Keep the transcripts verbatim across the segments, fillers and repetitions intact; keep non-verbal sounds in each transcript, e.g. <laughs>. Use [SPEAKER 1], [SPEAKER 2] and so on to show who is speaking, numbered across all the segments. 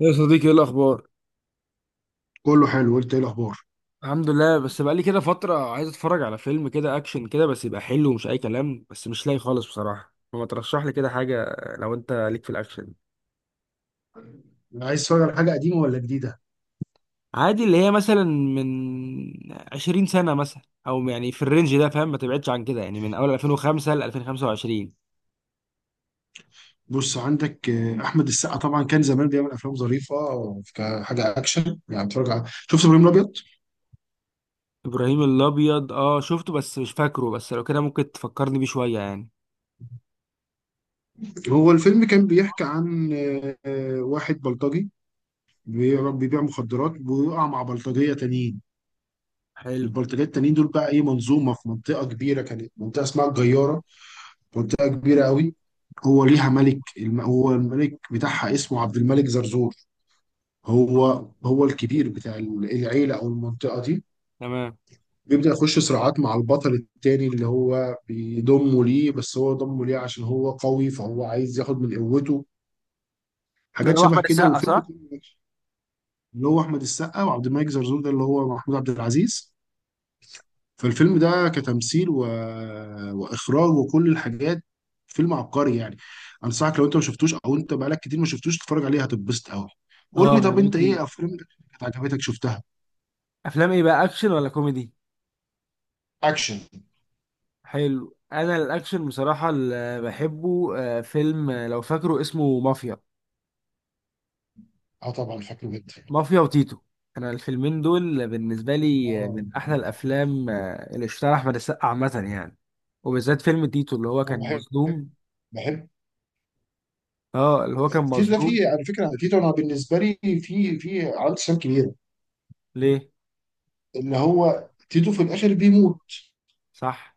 [SPEAKER 1] يا صديقي ايه الاخبار؟
[SPEAKER 2] كله حلو، قلت ايه الاخبار؟
[SPEAKER 1] الحمد لله، بس بقالي كده فتره عايز اتفرج على فيلم كده اكشن كده، بس يبقى حلو ومش اي كلام، بس مش لاقي خالص بصراحه. فما ترشح لي كده حاجه لو انت ليك في الاكشن؟
[SPEAKER 2] عايز تتفرج على حاجه قديمه ولا جديده؟
[SPEAKER 1] عادي، اللي هي مثلا من عشرين سنه مثلا، او يعني في الرينج ده فاهم، ما تبعدش عن كده يعني، من اول ألفين وخمسة ل ألفين وخمسة وعشرين.
[SPEAKER 2] بص عندك، آه، احمد السقا طبعا كان زمان بيعمل افلام ظريفه. كحاجه اكشن يعني، اتفرج على شفت ابراهيم الابيض؟
[SPEAKER 1] ابراهيم الابيض اه شفته بس مش فاكره، بس لو كده ممكن تفكرني بيه شويه يعني.
[SPEAKER 2] هو الفيلم كان بيحكي عن آه، آه، واحد بلطجي بي- بيبيع مخدرات، ويقع مع بلطجيه تانيين.
[SPEAKER 1] حلو.
[SPEAKER 2] البلطجيه التانيين دول بقى ايه، منظومه في منطقه كبيره، كانت منطقه اسمها الجياره. منطقه كبيره قوي. هو ليها
[SPEAKER 1] حلو.
[SPEAKER 2] ملك الم- هو الملك بتاعها اسمه عبد الملك زرزور. هو هو الكبير بتاع العيلة أو المنطقة دي.
[SPEAKER 1] تمام.
[SPEAKER 2] بيبدأ يخش صراعات مع البطل التاني اللي هو بيضمه ليه، بس هو ضمه ليه عشان هو قوي، فهو عايز ياخد من قوته.
[SPEAKER 1] ده
[SPEAKER 2] حاجات
[SPEAKER 1] اللي هو
[SPEAKER 2] شبه
[SPEAKER 1] احمد
[SPEAKER 2] كده،
[SPEAKER 1] السقا
[SPEAKER 2] والفيلم
[SPEAKER 1] صح؟
[SPEAKER 2] كله أكشن. اللي هو أحمد السقا، وعبد الملك زرزور ده اللي هو محمود عبد العزيز. فالفيلم ده كتمثيل و... وإخراج وكل الحاجات. فيلم عبقري يعني. أنصحك لو أنت ما شفتوش، أو أنت بقالك كتير ما شفتوش، تتفرج عليه هتتبسط قوي. قول
[SPEAKER 1] اه،
[SPEAKER 2] لي،
[SPEAKER 1] ما انا
[SPEAKER 2] طب
[SPEAKER 1] بقول
[SPEAKER 2] أنت
[SPEAKER 1] كتير.
[SPEAKER 2] إيه أفلام كانت عجبتك شفتها؟
[SPEAKER 1] افلام ايه بقى؟ اكشن ولا كوميدي؟
[SPEAKER 2] اكشن.
[SPEAKER 1] حلو. انا الاكشن بصراحه اللي بحبه. آه، فيلم آه، لو فاكره اسمه مافيا.
[SPEAKER 2] اه، طبعا فاكره جدا.
[SPEAKER 1] مافيا وتيتو. انا الفيلمين دول بالنسبه لي آه،
[SPEAKER 2] اه،
[SPEAKER 1] من احلى الافلام آه، اللي اشتغل احمد السقا عامه يعني. وبالذات فيلم تيتو اللي هو
[SPEAKER 2] انا
[SPEAKER 1] كان
[SPEAKER 2] بحب
[SPEAKER 1] مظلوم.
[SPEAKER 2] بحب
[SPEAKER 1] اه اللي هو كان
[SPEAKER 2] تيتو ده.
[SPEAKER 1] مظلوم.
[SPEAKER 2] فيه على فكره تيتو، انا بالنسبه لي في في عنده سام كبيره.
[SPEAKER 1] ليه؟
[SPEAKER 2] اللي هو تيتو في الاخر بيموت.
[SPEAKER 1] صح.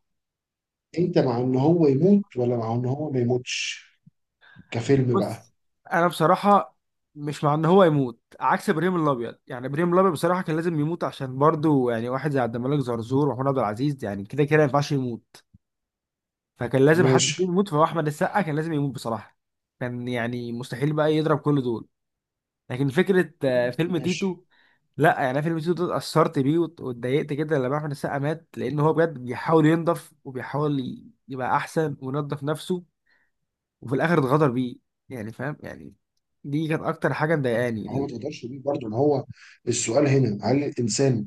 [SPEAKER 2] انت مع ان هو يموت ولا مع ان هو ما يموتش، كفيلم بقى؟
[SPEAKER 1] بص، انا بصراحه مش مع ان هو يموت، عكس ابراهيم الابيض. يعني ابراهيم الابيض بصراحه كان لازم يموت، عشان برضه يعني واحد زي عبد الملك زرزور ومحمود عبد العزيز يعني كده كده ما ينفعش يموت. فكان لازم حد
[SPEAKER 2] ماشي،
[SPEAKER 1] فيهم يموت، فهو احمد السقا كان لازم يموت بصراحه. كان يعني مستحيل بقى يضرب كل دول. لكن فكره آه، فيلم
[SPEAKER 2] ماشي.
[SPEAKER 1] تيتو، لا يعني أنا فيلم تيتو ده اتأثرت بيه وات- واتضايقت جدا لما احمد السقا مات، لان هو بجد بيحاول ينضف وبيحاول ي- يبقى احسن وينضف نفسه، وفي الاخر اتغدر بيه. يعني فاهم يعني، دي كانت اكتر حاجه
[SPEAKER 2] ما هو ما
[SPEAKER 1] مضايقاني.
[SPEAKER 2] تقدرش تقول برضه ان هو، السؤال هنا هل الانسان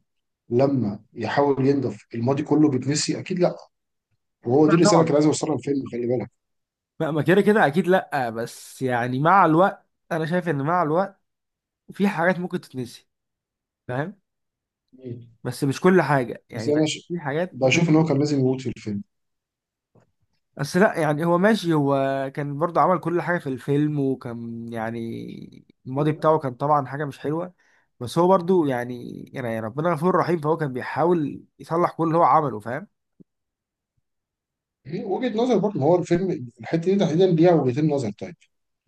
[SPEAKER 2] لما يحاول ينضف الماضي كله بيتنسي؟ اكيد لا. وهو دي
[SPEAKER 1] لا
[SPEAKER 2] الرساله اللي
[SPEAKER 1] طبعا،
[SPEAKER 2] كان عايز يوصلها الفيلم، خلي بالك.
[SPEAKER 1] ما ما كده كده اكيد لا، بس يعني مع الوقت، انا شايف ان مع الوقت في حاجات ممكن تتنسي، فاهم.
[SPEAKER 2] مم.
[SPEAKER 1] بس مش كل حاجه
[SPEAKER 2] بس
[SPEAKER 1] يعني،
[SPEAKER 2] انا
[SPEAKER 1] بس
[SPEAKER 2] ش...
[SPEAKER 1] في حاجات ممكن
[SPEAKER 2] بشوف ان هو
[SPEAKER 1] تخلص.
[SPEAKER 2] كان لازم يموت في الفيلم.
[SPEAKER 1] بس لا يعني، هو ماشي، هو كان برضه عمل كل حاجه في الفيلم، وكان يعني الماضي بتاعه كان طبعا حاجه مش حلوه، بس هو برضه يعني يعني ربنا غفور رحيم، فهو كان بيحاول يصلح كل اللي هو عمله، فاهم.
[SPEAKER 2] هي وجهة نظر برضه، ما هو الفيلم الحتة دي تحديدا ليها وجهتين نظر. طيب،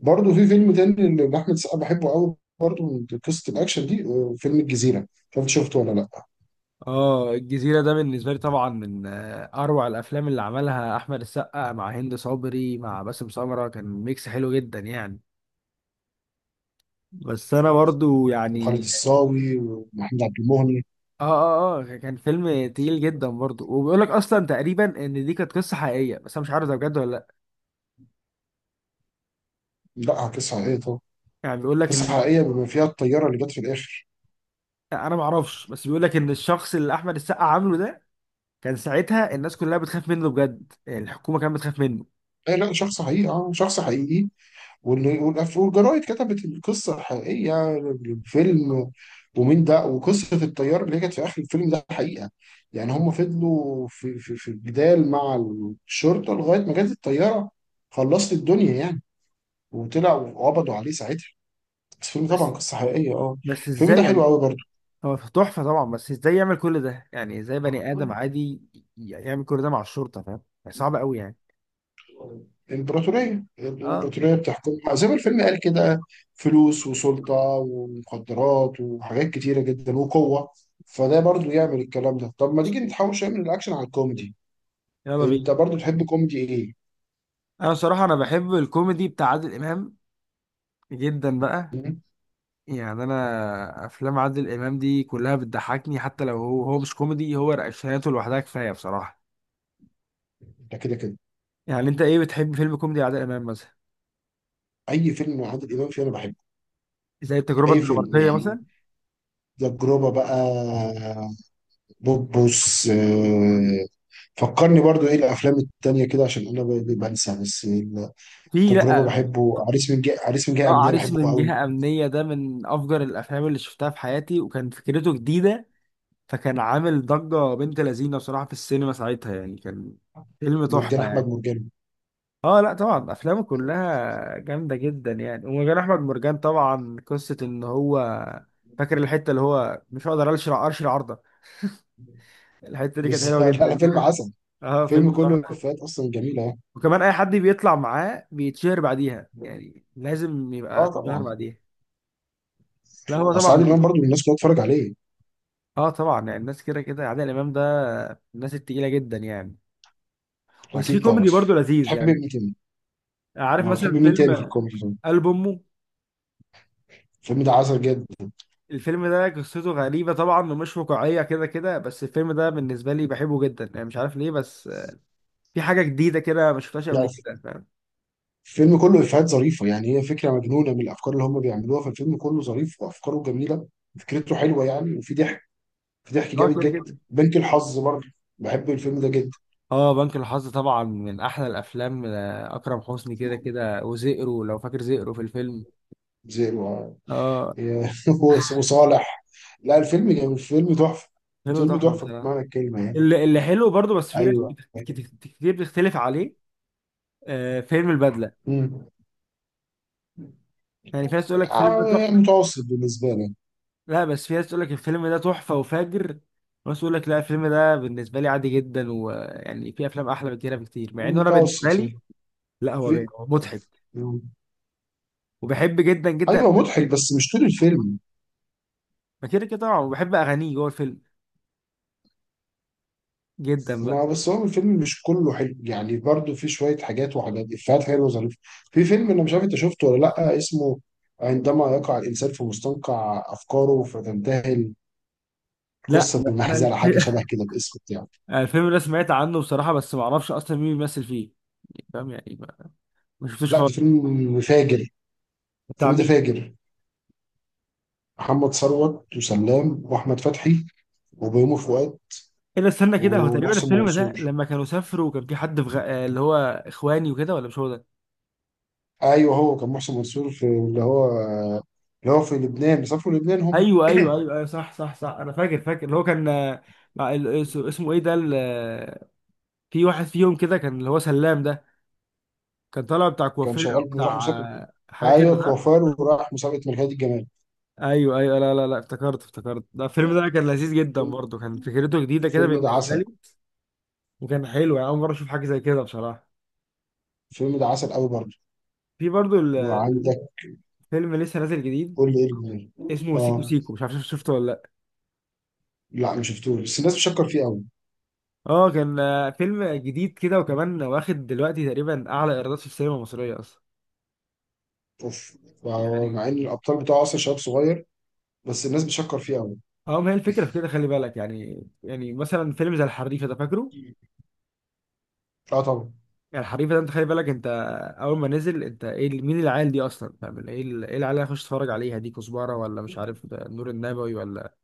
[SPEAKER 2] برضه في فيلم تاني لأحمد السقا بحبه قوي، برضه من قصة الأكشن دي، آه، فيلم الجزيرة. مش عارف شفته ولا لأ.
[SPEAKER 1] اه الجزيرة ده بالنسبة لي طبعا من آه، أروع الأفلام اللي عملها أحمد السقا مع هند صبري مع باسم سمرة، كان ميكس حلو جدا يعني. بس أنا برضو
[SPEAKER 2] وخالد
[SPEAKER 1] يعني
[SPEAKER 2] الصاوي ومحمد عبد المهني.
[SPEAKER 1] اه. اه اه كان فيلم تقيل جدا برضه، وبيقول لك اصلا تقريبا ان دي كانت قصه حقيقيه، بس انا مش عارف ده بجد ولا لا.
[SPEAKER 2] لا، قصة حقيقية طبعا.
[SPEAKER 1] يعني بيقول لك
[SPEAKER 2] قصة
[SPEAKER 1] ان،
[SPEAKER 2] حقيقية بما فيها الطيارة اللي جت في الآخر.
[SPEAKER 1] انا ما اعرفش، بس بيقول لك ان الشخص اللي احمد السقا عامله ده كان ساعتها الناس كلها بتخاف منه بجد، يعني الحكومه كانت بتخاف منه.
[SPEAKER 2] أي لا، شخص حقيقي، اه شخص حقيقي. واللي- والأف- والجرايد كتبت القصة الحقيقية للفيلم. ومين ده، وقصة الطيار اللي هي كانت في آخر الفيلم ده حقيقة. يعني هم فضلوا في في في الجدال مع الشرطة لغاية ما جت الطيارة. خلصت الدنيا يعني. وطلعوا وقبضوا عليه ساعتها. بس الفيلم طبعا
[SPEAKER 1] بس،
[SPEAKER 2] قصة حقيقية، اه.
[SPEAKER 1] بس
[SPEAKER 2] الفيلم
[SPEAKER 1] ازاي
[SPEAKER 2] ده حلو
[SPEAKER 1] يعني؟
[SPEAKER 2] قوي
[SPEAKER 1] هو تحفه طبعا، بس ازاي يعمل كل ده يعني؟ ازاي بني
[SPEAKER 2] برضه.
[SPEAKER 1] ادم عادي يعمل كل ده مع الشرطه؟ فاهم يعني؟ صعب قوي يعني.
[SPEAKER 2] الإمبراطورية
[SPEAKER 1] اه
[SPEAKER 2] الإمبراطورية بتحكمها زي ما الفيلم قال كده: فلوس وسلطة ومخدرات وحاجات كتيرة جدا وقوة. فده برضو يعمل الكلام ده. طب ما تيجي نتحول شوية من الأكشن على الكوميدي.
[SPEAKER 1] يلا بينا.
[SPEAKER 2] أنت برضو تحب كوميدي إيه؟
[SPEAKER 1] انا صراحه انا بحب الكوميدي بتاع عادل امام جدا بقى.
[SPEAKER 2] مم؟
[SPEAKER 1] يعني انا افلام عادل امام دي كلها بتضحكني، حتى لو هو هو مش كوميدي، هو رقشاته لوحدها كفايه بصراحه.
[SPEAKER 2] ده كده كده.
[SPEAKER 1] يعني انت ايه بتحب فيلم كوميدي عادل امام مثلا؟
[SPEAKER 2] أي فيلم مع عادل إمام فيه أنا بحبه.
[SPEAKER 1] زي التجربه
[SPEAKER 2] أي فيلم
[SPEAKER 1] الدنماركيه
[SPEAKER 2] يعني.
[SPEAKER 1] مثلا.
[SPEAKER 2] تجربة بقى، بوبوس آه، فكرني برضو إيه الأفلام التانية كده، عشان أنا ب- بنسى بس.
[SPEAKER 1] في،
[SPEAKER 2] التجربة
[SPEAKER 1] لا.
[SPEAKER 2] بحبه، عريس من جهة عريس من جهة
[SPEAKER 1] اه
[SPEAKER 2] أمنية
[SPEAKER 1] عريس
[SPEAKER 2] بحبه
[SPEAKER 1] من
[SPEAKER 2] قوي.
[SPEAKER 1] جهه امنيه ده من افجر الافلام اللي شفتها في حياتي، وكان فكرته جديده، فكان عامل ضجه بنت لذينه بصراحه في السينما ساعتها يعني. كان فيلم
[SPEAKER 2] مرجان
[SPEAKER 1] تحفه
[SPEAKER 2] احمد
[SPEAKER 1] يعني.
[SPEAKER 2] مرجان.
[SPEAKER 1] اه لا طبعا افلامه كلها جامده جدا يعني، ومجال احمد مرجان طبعا قصه ان هو، فاكر الحته اللي هو مش هقدر اشرع ارشي عرضه؟ الحته دي كانت
[SPEAKER 2] بس
[SPEAKER 1] حلوه
[SPEAKER 2] <laughs> على فيلم
[SPEAKER 1] جدا <laughs>
[SPEAKER 2] عسل.
[SPEAKER 1] اه
[SPEAKER 2] فيلم
[SPEAKER 1] فيلم
[SPEAKER 2] كله
[SPEAKER 1] تحفة.
[SPEAKER 2] افيهات اصلا جميله يعني.
[SPEAKER 1] وكمان اي حد بيطلع معاه بيتشهر بعديها، يعني لازم يبقى
[SPEAKER 2] اه
[SPEAKER 1] اتشهر
[SPEAKER 2] طبعا.
[SPEAKER 1] بعديها. لا هو
[SPEAKER 2] اصل عادل
[SPEAKER 1] طبعا.
[SPEAKER 2] امام برضو الناس كلها تتفرج عليه.
[SPEAKER 1] اه طبعا، يعني الناس كده كده عادل امام ده من الناس التقيله جدا يعني. بس في
[SPEAKER 2] اكيد طبعا.
[SPEAKER 1] كوميدي برضه لذيذ
[SPEAKER 2] تحب
[SPEAKER 1] يعني.
[SPEAKER 2] مين تاني؟
[SPEAKER 1] عارف
[SPEAKER 2] ما بتحب
[SPEAKER 1] مثلا
[SPEAKER 2] مين تاني في
[SPEAKER 1] فيلم
[SPEAKER 2] الكوميدي طيب؟
[SPEAKER 1] قلب امه؟
[SPEAKER 2] الفيلم ده عسل جدا.
[SPEAKER 1] الفيلم ده قصته غريبة طبعا ومش واقعية كده كده، بس الفيلم ده بالنسبة لي بحبه جدا يعني، مش عارف ليه، بس في حاجة جديدة كده ما شفتهاش قبل
[SPEAKER 2] لا،
[SPEAKER 1] كده، فاهم.
[SPEAKER 2] الفيلم كله افيهات ظريفه يعني، هي فكره مجنونه من الافكار اللي هم بيعملوها. فالفيلم كله ظريف وافكاره جميله. فكرته حلوه يعني، وفي ضحك. في ضحك
[SPEAKER 1] اه
[SPEAKER 2] جامد
[SPEAKER 1] كده
[SPEAKER 2] جدا.
[SPEAKER 1] كده.
[SPEAKER 2] بنك الحظ برضه، بحب الفيلم ده جدا.
[SPEAKER 1] اه بنك الحظ طبعا من أحلى الأفلام. آه، أكرم حسني كده كده، وزئرو لو فاكر زئرو في الفيلم.
[SPEAKER 2] زي
[SPEAKER 1] اه
[SPEAKER 2] <laughs> وصالح. لا، الفيلم جميل، الفيلم تحفة.
[SPEAKER 1] فيلم
[SPEAKER 2] الفيلم
[SPEAKER 1] تحفة
[SPEAKER 2] تحفة
[SPEAKER 1] بصراحة.
[SPEAKER 2] بمعنى الكلمة يعني.
[SPEAKER 1] اللي اللي حلو برضه، بس في ناس
[SPEAKER 2] أيوه.
[SPEAKER 1] كت- كت- كتير بتختلف عليه. آه فيلم البدلة،
[SPEAKER 2] مم.
[SPEAKER 1] يعني في ناس تقول لك الفيلم ده
[SPEAKER 2] آه،
[SPEAKER 1] تحفة.
[SPEAKER 2] متوسط بالنسبة لي.
[SPEAKER 1] لا، بس في ناس تقول لك الفيلم ده تحفة وفاجر، وناس تقول لك لا، الفيلم ده بالنسبة لي عادي جدا، ويعني في أفلام أحلى من كده بكتير، مع إنه أنا بالنسبة
[SPEAKER 2] متوسط
[SPEAKER 1] لي،
[SPEAKER 2] يعني.
[SPEAKER 1] لا هو باين
[SPEAKER 2] في...
[SPEAKER 1] هو مضحك، وبحب جدا جدا
[SPEAKER 2] أيوه، مضحك
[SPEAKER 1] أغانيه.
[SPEAKER 2] بس مش طول الفيلم.
[SPEAKER 1] ما كده كده طبعا، وبحب أغانيه جوه الفيلم جدا بقى.
[SPEAKER 2] ما بس هو الفيلم مش كله حلو يعني، برضو في شوية حاجات، وحاجات إفيهات حلوة وظريفة. في فيلم أنا مش عارف أنت شفته ولا لأ، اسمه: عندما يقع الإنسان في مستنقع أفكاره فتنتهي
[SPEAKER 1] لا
[SPEAKER 2] القصة
[SPEAKER 1] أنا
[SPEAKER 2] بالمحزلة،
[SPEAKER 1] الف-
[SPEAKER 2] حاجة شبه
[SPEAKER 1] <laughs>
[SPEAKER 2] كده الاسم بتاعه.
[SPEAKER 1] أنا الفيلم ده سمعت عنه بصراحة، بس ما أعرفش أصلا مين بيمثل فيه. يعني فاهم يعني، ما ما شفتوش
[SPEAKER 2] لا، ده
[SPEAKER 1] خالص.
[SPEAKER 2] فيلم فاجر،
[SPEAKER 1] بتاع
[SPEAKER 2] في ده
[SPEAKER 1] مين؟
[SPEAKER 2] فاجر. محمد ثروت وسلام واحمد فتحي وبيومي فؤاد
[SPEAKER 1] إلا استنى كده، هو تقريبا
[SPEAKER 2] ومحسن
[SPEAKER 1] الفيلم ده
[SPEAKER 2] منصور.
[SPEAKER 1] لما كانوا سافروا وكان في حد في غ... اللي هو إخواني وكده، ولا مش هو ده؟
[SPEAKER 2] ايوه، هو كان محسن منصور في اللي هو، اللي هو في لبنان، بيسافروا لبنان هم
[SPEAKER 1] ايوه ايوه ايوه
[SPEAKER 2] <clears throat>
[SPEAKER 1] ايوه، صح صح صح، انا فاكر فاكر. اللي هو كان آه، مع ال- اس- اسمه ايه ده ال- آه، في واحد فيهم كده كان اللي هو سلام ده، كان طالع بتاع
[SPEAKER 2] كان
[SPEAKER 1] كوافير او
[SPEAKER 2] شغال، راح
[SPEAKER 1] بتاع
[SPEAKER 2] مسابقه.
[SPEAKER 1] آه، حاجه كده
[SPEAKER 2] ايوه،
[SPEAKER 1] صح؟
[SPEAKER 2] كوفار وراح مسابقه ملكية الجمال.
[SPEAKER 1] ايوه ايوه. لا لا لا افتكرت افتكرت. ده الفيلم ده كان لذيذ جدا برضه، كان فكرته جديده كده
[SPEAKER 2] الفيلم ده
[SPEAKER 1] بالنسبه
[SPEAKER 2] عسل.
[SPEAKER 1] لي، وكان حلو يعني، اول مره اشوف حاجه زي كده بصراحه.
[SPEAKER 2] الفيلم ده عسل قوي برضه.
[SPEAKER 1] في برضه
[SPEAKER 2] وعندك،
[SPEAKER 1] الفيلم لسه نازل جديد
[SPEAKER 2] قول لي ايه اللي-
[SPEAKER 1] اسمه سيكو
[SPEAKER 2] اه
[SPEAKER 1] سيكو، مش عارف شفته ولا لا.
[SPEAKER 2] لا، ما شفتوش، بس الناس بتشكر فيه قوي.
[SPEAKER 1] اه كان آه، فيلم جديد كده، وكمان واخد دلوقتي تقريبا اعلى ايرادات في السينما المصريه اصلا
[SPEAKER 2] اوف.
[SPEAKER 1] يعني.
[SPEAKER 2] مع ان الابطال بتاعه اصلا شباب صغير، بس الناس بتشكر فيه قوي.
[SPEAKER 1] اه ما هي الفكره في كده، خلي بالك يعني، يعني مثلا فيلم زي الحريفه ده فاكره؟
[SPEAKER 2] اه طبعا.
[SPEAKER 1] يعني الحريفه ده انت خلي بالك، انت اول ما نزل انت ايه، ال- مين العيال دي اصلا؟ فاهم، ال- ايه ال- ايه العيال اللي هخش اتفرج عليها دي؟ كزبره ولا مش عارف ده نور النبوي ولا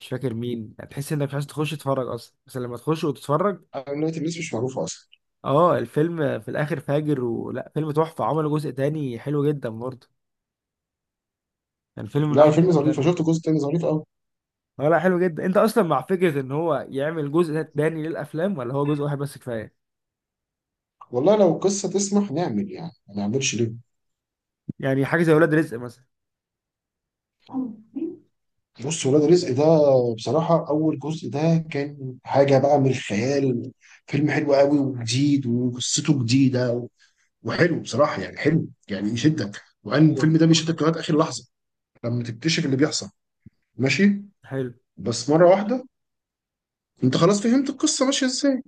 [SPEAKER 1] مش فاكر مين، يعني تحس انك مش عايز تخش تتفرج اصلا، بس لما تخش وتتفرج،
[SPEAKER 2] نهاية. الناس مش معروفة أصلا.
[SPEAKER 1] اه الفيلم في الاخر فاجر ولا فيلم تحفه. عملوا جزء تاني حلو جدا برضه، يعني فيلم من
[SPEAKER 2] لا،
[SPEAKER 1] احلى
[SPEAKER 2] الفيلم ظريف،
[SPEAKER 1] الافلام
[SPEAKER 2] أنا
[SPEAKER 1] يعني.
[SPEAKER 2] شفت الجزء التاني ظريف أوي.
[SPEAKER 1] اه لا حلو جدا. انت اصلا مع فكره ان هو يعمل جزء تاني للافلام، ولا هو جزء واحد بس كفايه؟
[SPEAKER 2] والله لو القصة تسمح نعمل، يعني ما نعملش ليه.
[SPEAKER 1] يعني حاجه زي ولاد رزق مثلا.
[SPEAKER 2] بص، ولاد رزق ده بصراحة أول جزء ده كان حاجة بقى من الخيال. فيلم حلو قوي وجديد وقصته جديدة، وحلو بصراحة، يعني حلو يعني يشدك، وأن
[SPEAKER 1] ايوه.
[SPEAKER 2] الفيلم ده بيشدك لغاية آخر لحظة لما تكتشف اللي بيحصل. ماشي.
[SPEAKER 1] حلو.
[SPEAKER 2] بس مرة واحدة، أنت خلاص فهمت القصة ماشية إزاي.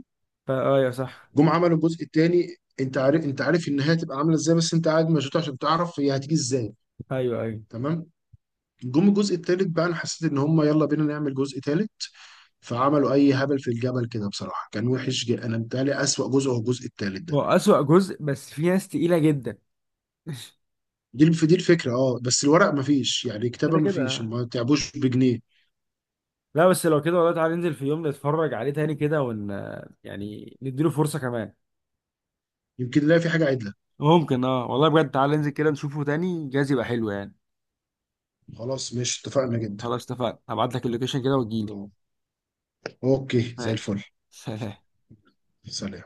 [SPEAKER 1] فا ايوه صح.
[SPEAKER 2] جم عملوا الجزء الثاني، انت عارف انت عارف النهايه هتبقى عامله ازاي، بس انت قاعد مشدود عشان تعرف هي هتيجي ازاي.
[SPEAKER 1] ايوه ايوه.
[SPEAKER 2] تمام. جم الجزء الثالث بقى، انا حسيت ان هم يلا بينا نعمل جزء ثالث، فعملوا اي هبل في الجبل كده. بصراحه كان وحش جدا، انا متهيألي اسوأ جزء هو الجزء الثالث ده.
[SPEAKER 1] هو أسوأ جزء، بس في ناس تقيلة جدا <laughs>
[SPEAKER 2] دي الف- دي الفكره، اه، بس الورق مفيش، يعني الكتابه
[SPEAKER 1] كده
[SPEAKER 2] مفيش،
[SPEAKER 1] كده.
[SPEAKER 2] ما تعبوش بجنيه.
[SPEAKER 1] لا بس لو كده والله تعالى ننزل في يوم نتفرج عليه تاني كده، ون يعني نديله فرصة كمان.
[SPEAKER 2] يمكن نلاقي في حاجه عدله.
[SPEAKER 1] ممكن اه، والله بجد تعالى ننزل كده نشوفه تاني، جايز يبقى حلو يعني.
[SPEAKER 2] خلاص ماشي، اتفقنا جدا.
[SPEAKER 1] خلاص اتفقنا، هبعت لك اللوكيشن كده وتجيلي.
[SPEAKER 2] اوكي زي
[SPEAKER 1] ماشي.
[SPEAKER 2] الفل.
[SPEAKER 1] سلام.
[SPEAKER 2] سلام.